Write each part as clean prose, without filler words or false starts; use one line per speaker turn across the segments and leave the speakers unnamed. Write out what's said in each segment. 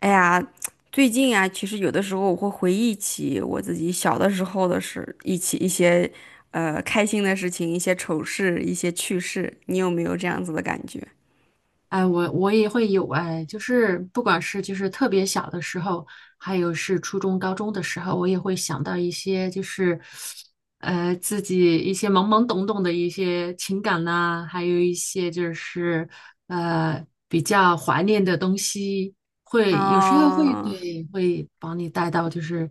哎呀，最近啊，其实有的时候我会回忆起我自己小的时候的事，一些开心的事情，一些丑事，一些趣事。你有没有这样子的感觉？
哎，我也会有。哎，就是不管是就是特别小的时候，还有是初中、高中的时候，我也会想到一些就是，自己一些懵懵懂懂的一些情感呐、还有一些就是比较怀念的东西，有时候会
啊？
对会把你带到，就是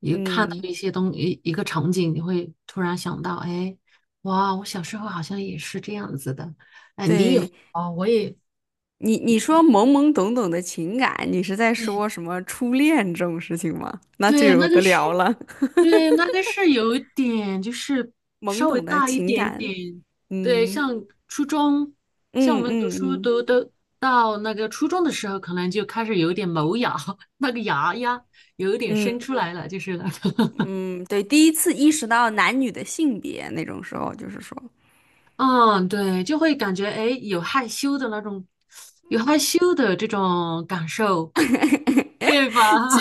你看到
嗯，
一些一个场景，你会突然想到，哎，哇，我小时候好像也是这样子的。
对，
哦，我也
你说懵懵懂懂的情感，你是在
对
说什么初恋这种事情吗？那就
对，那
有
就
的
是。
聊了，
对，那个是有一点，就是
懵
稍微
懂的
大一
情
点
感，
点。对，
嗯
像初中，像我
嗯
们读
嗯
书
嗯
读的到那个初中的时候，可能就开始有点萌芽，那个芽呀，有一点
嗯
生出来了，就是那个，
嗯，对，第一次意识到男女的性别那种时候，就是说。
嗯，对，就会感觉哎，诶有害羞的那种，有害羞的这种感受，对吧？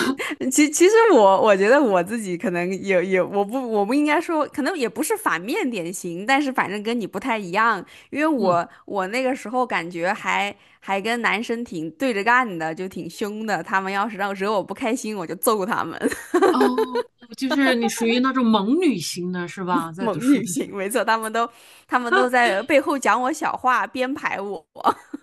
其实我觉得我自己可能也也我不我不应该说，可能也不是反面典型，但是反正跟你不太一样，因为
嗯，
我那个时候感觉还跟男生挺对着干的，就挺凶的。他们要是让惹我不开心，我就揍他们，
哦，就是你属于那种萌女型的是吧？在
猛
读书
女
的时候。
型，没错，他们都在背后讲我小话，编排我。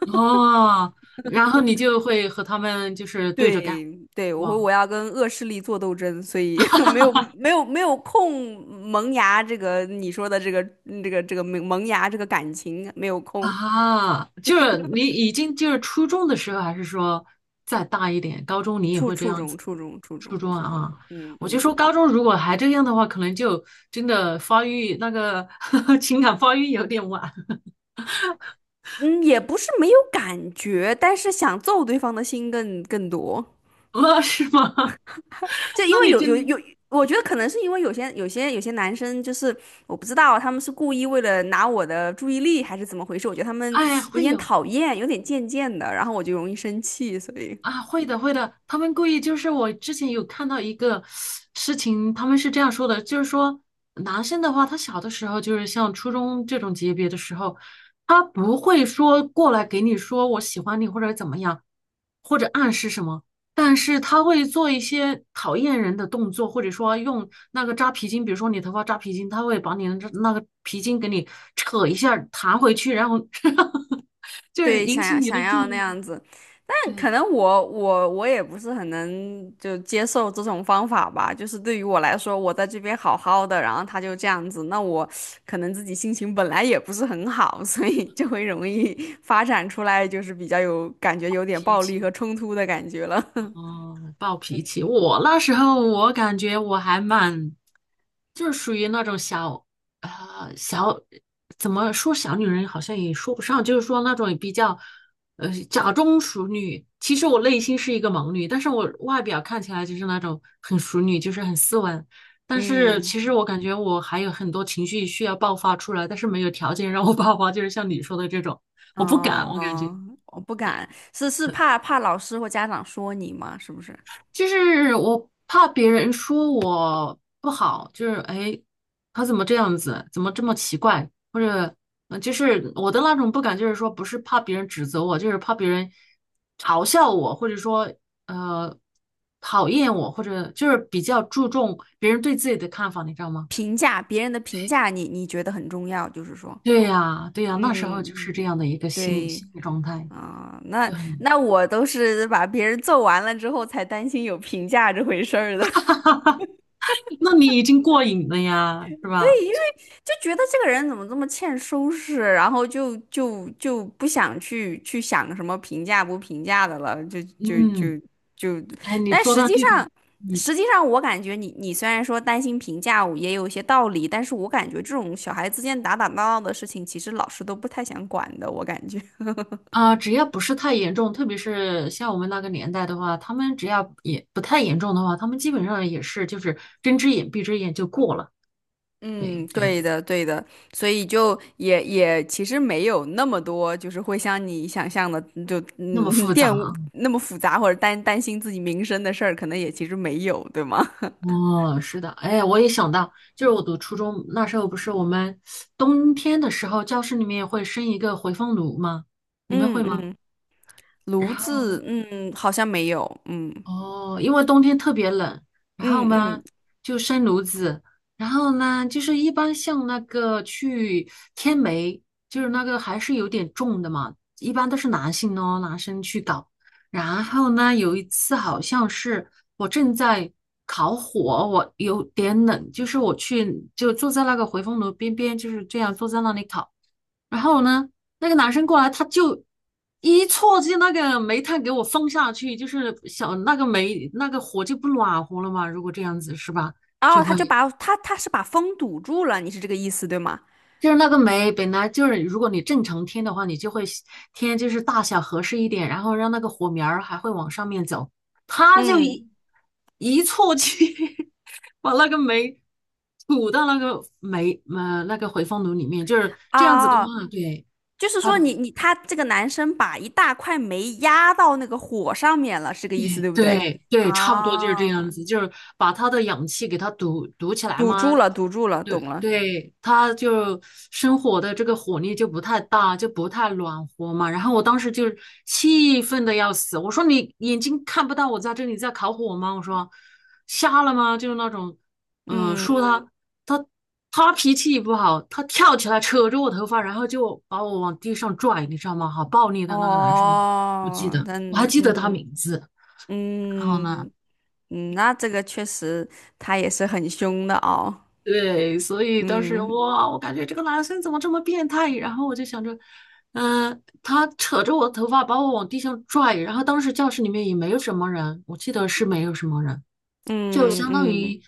哦，然后你就会和他们就是对着干，
对对，我会
哇。
我要跟恶势力做斗争，所以 没有空。萌芽这个你说的这个这个萌芽这个感情没有空，
啊，就是你已经就是初中的时候，还是说再大一点，高中你也
初
会这
初
样子？
中初中初
初
中
中
初
啊，
中，嗯
我就
嗯。
说高中如果还这样的话，可能就真的发育那个 情感发育有点晚
嗯，也不是没有感觉，但是想揍对方的心更多。
了，是吗？
就 因
那
为
你
有
真
有
的
有，我觉得可能是因为有些男生就是我不知道他们是故意为了拿我的注意力还是怎么回事，我觉得他们
哎，
有
会
点
有。
讨厌，有点贱贱的，然后我就容易生气，所以
啊，会的，会的。他们故意，就是我之前有看到一个事情，他们是这样说的，就是说男生的话，他小的时候就是像初中这种级别的时候，他不会说过来给你说我喜欢你或者怎么样，或者暗示什么，但是他会做一些讨厌人的动作，或者说用那个扎皮筋，比如说你头发扎皮筋，他会把你的那个皮筋给你扯一下弹回去，然后 就是
对
引
想
起
要
你
想
的注
要那
意，
样子。但可
对，
能我也不是很能就接受这种方法吧，就是对于我来说，我在这边好好的，然后他就这样子，那我可能自己心情本来也不是很好，所以就会容易发展出来就是比较有感觉有点
脾
暴力
气。
和冲突的感觉了。
哦，暴脾气。我那时候我感觉我还蛮，就是属于那种小，怎么说小女人好像也说不上，就是说那种比较，假装淑女。其实我内心是一个萌女，但是我外表看起来就是那种很淑女，就是很斯文。但是
嗯，
其实我感觉我还有很多情绪需要爆发出来，但是没有条件让我爆发，就是像你说的这种，我不
哦
敢，我感觉。
哦，我不敢，是是怕老师或家长说你吗？是不是？
就是我怕别人说我不好，就是哎，他怎么这样子，怎么这么奇怪，或者就是我的那种不敢，就是说不是怕别人指责我，就是怕别人嘲笑我，或者说呃讨厌我，或者就是比较注重别人对自己的看法，你知道吗？
评价别人的评价你，你觉得很重要，就是说，
对呀，对呀，那时候就是
嗯。
这样的一个心
对
心理状态，
啊，那
就很，
那我都是把别人揍完了之后才担心有评价这回事儿的。
那你已经过瘾了呀，是
对，
吧？
因为就觉得这个人怎么这么欠收拾，然后就不想去想什么评价不评价的了，就就
嗯，
就就，
哎，你
但
说
实
到
际
这个，
上。
嗯。
实际上，我感觉你虽然说担心评价也有一些道理，但是我感觉这种小孩之间打打闹闹的事情，其实老师都不太想管的，我感觉。
啊，只要不是太严重，特别是像我们那个年代的话，他们只要也不太严重的话，他们基本上也是就是睁只眼闭只眼就过了，
嗯，
对，这样
对
子
的，对的，所以就也其实没有那么多，就是会像你想象的，就
那么
嗯
复杂
玷污
啊？
那么复杂，或者担心自己名声的事儿，可能也其实没有，对吗？
哦，是的，哎，我也想到，就是我读初中那时候，不是我们冬天的时候，教室里面会生一个回风炉吗？你们
嗯
会吗？
嗯，
然
炉
后。
子，嗯，好像没有，嗯
哦，因为冬天特别冷，然
嗯
后呢
嗯。
就生炉子，然后呢就是一般像那个去天梅，就是那个还是有点重的嘛，一般都是男性哦，男生去搞。然后呢，有一次好像是我正在烤火，我有点冷，就是我去就坐在那个回风炉边边，就是这样坐在那里烤。然后呢，那个男生过来，他就一戳进那个煤炭给我放下去，就是小那个煤那个火就不暖和了嘛。如果这样子是吧，就
哦，他
会
就把他是把风堵住了，你是这个意思对吗？
就是那个煤本来就是，如果你正常添的话，你就会添就是大小合适一点，然后让那个火苗儿还会往上面走。他就
嗯，
一戳进，把那个煤吐到那个煤呃那个回风炉里面，就是这样子的
哦，
话，对。
就是说你
的。
你他这个男生把一大块煤压到那个火上面了，是这个意思
对
对不对？
对对，差不多就是这样
啊，
子，就是把他的氧气给他堵起来
堵住
嘛。
了，堵住了，
对
懂了。
对，他就生火的这个火力就不太大，就不太暖和嘛。然后我当时就是气愤的要死，我说你眼睛看不到我在这里在烤火吗？我说瞎了吗？就是那种，
嗯，
说他他他脾气也不好，他跳起来扯着我头发，然后就把我往地上拽，你知道吗？好暴力的那个男生，我记
哦，
得
那
我还
嗯
记得他
嗯
名字。然后呢，
嗯，那这个确实他也是很凶的哦。
对，所以当时
嗯
哇，我感觉这个男生怎么这么变态？然后我就想着，他扯着我头发把我往地上拽，然后当时教室里面也没有什么人，我记得是没有什么人，就
嗯
相当
嗯
于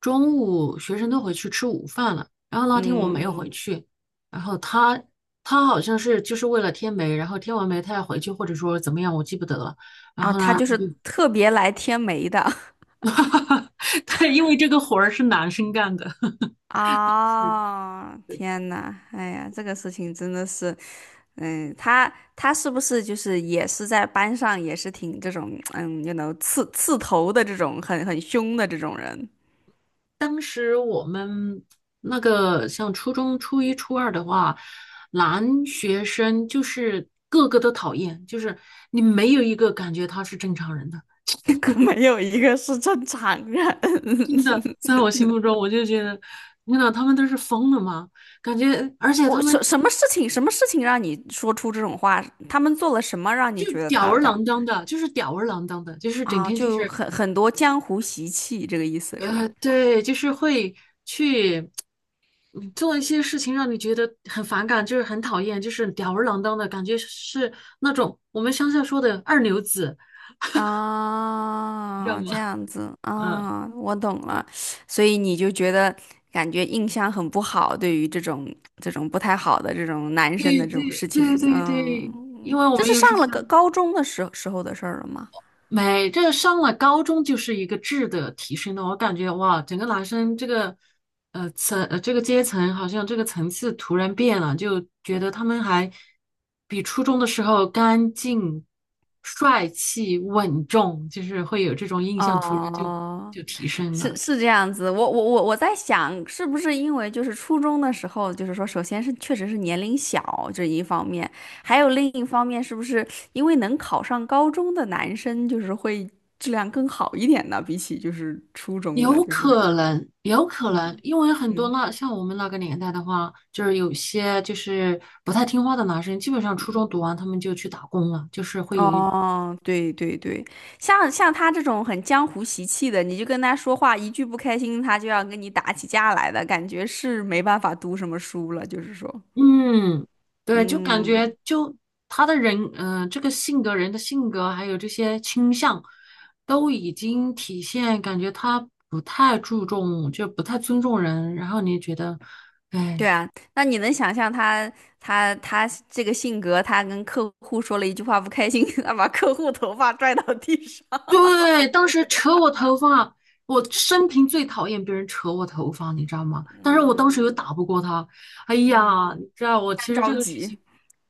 中午学生都回去吃午饭了。然后那天我没
嗯，
有回去，然后他好像是就是为了添煤，然后添完煤他要回去，或者说怎么样，我记不得了。然
啊，
后
他
呢，
就是特别来添煤的。
对，因为这个活儿是男生干的。是
啊、天呐，哎呀，这个事情真的是，嗯，他他是不是就是也是在班上也是挺这种，嗯，you know，刺头的这种很凶的这种人？
当时我们那个像初中初一、初二的话，男学生就是个个都讨厌，就是你没有一个感觉他是正常人的。
可没有一个是正常人。
真的，在我心目中，我就觉得，天呐，他们都是疯了吗？感觉，而且他
我
们
什
就
什么事情，什么事情让你说出这种话？他们做了什么让你觉得
吊
他
儿
他
郎当的，就是吊儿郎当的，就是整
啊，
天就
就
是
很多江湖习气，这个意思是吧？
对，就是会去做一些事情，让你觉得很反感，就是很讨厌，就是吊儿郎当的感觉，是那种我们乡下说的二流子，你知道
啊，
吗？
这样子
嗯，
啊，我懂了。所以你就觉得感觉印象很不好，对于这种这种不太好的这种男生
对
的这种
对
事
对
情，
对对，因
嗯，
为我
这
们
是
也
上
是
了个
乡。
高中的时候的事儿了吗？
没，这个上了高中就是一个质的提升了。我感觉哇，整个男生这个阶层好像这个层次突然变了，就觉得他们还比初中的时候干净、帅气、稳重，就是会有这种印象，突然就
哦、
就提升
是
了。
是这样子，我在想，是不是因为就是初中的时候，就是说，首先是确实是年龄小这一方面，还有另一方面，是不是因为能考上高中的男生，就是会质量更好一点呢？比起就是初中的，
有
就是
可能，有可能，
嗯
因为很多
嗯
那像我们那个年代的话，就是有些就是不太听话的男生，基本上初
嗯。
中读完他们就去打工了，就是会有一
哦，对对对，像像他这种很江湖习气的，你就跟他说话一句不开心，他就要跟你打起架来的感觉，是没办法读什么书了，就是说。
嗯，对，就感
嗯，
觉就他的人，这个性格，人的性格，还有这些倾向，都已经体现，感觉他不太注重，就不太尊重人。然后你觉得，哎，
对啊，那你能想象他这个性格，他跟客户说了一句话不开心，他把客户头发拽到地上。
对，当时扯我头发，我生平最讨厌别人扯我头发，你知道吗？但是我当时又
嗯
打不过他，哎
嗯，
呀，你知道我其实这个事情，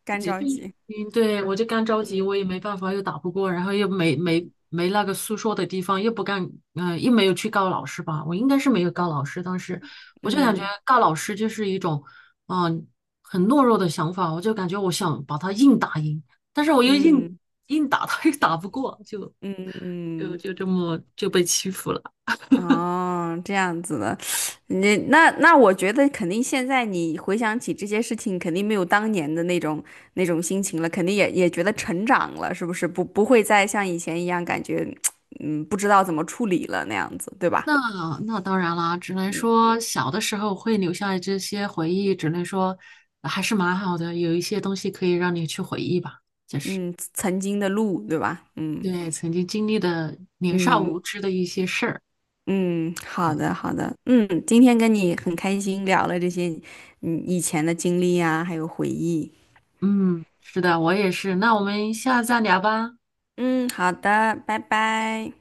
干
这
着
这个事
急。
情，对，我就干着急，
嗯
我也没办法，又打不过，然后又没那个诉说的地方，又不敢，又没有去告老师吧，我应该是没有告老师，当时我就感觉
嗯
告老师就是一种，嗯、很懦弱的想法，我就感觉我想把他硬打赢，但是我又硬
嗯
硬打他又打不过，就。
嗯
就
嗯，
就这么就被欺负了。
哦，这样子的，你我觉得肯定现在你回想起这些事情，肯定没有当年的那种那种心情了，肯定也觉得成长了，是不是？不会再像以前一样感觉，嗯，不知道怎么处理了那样子，对吧？
那那当然啦，只能说小的时候会留下这些回忆，只能说还是蛮好的，有一些东西可以让你去回忆吧，就是
嗯，曾经的路，对吧？嗯
对曾经经历的年少
嗯
无知的一些事儿。
嗯，好
对，
的好的，嗯，今天跟你很开心聊了这些，嗯，以前的经历啊，还有回忆。
嗯，是的，我也是。那我们下次再聊吧。
嗯，好的，拜拜。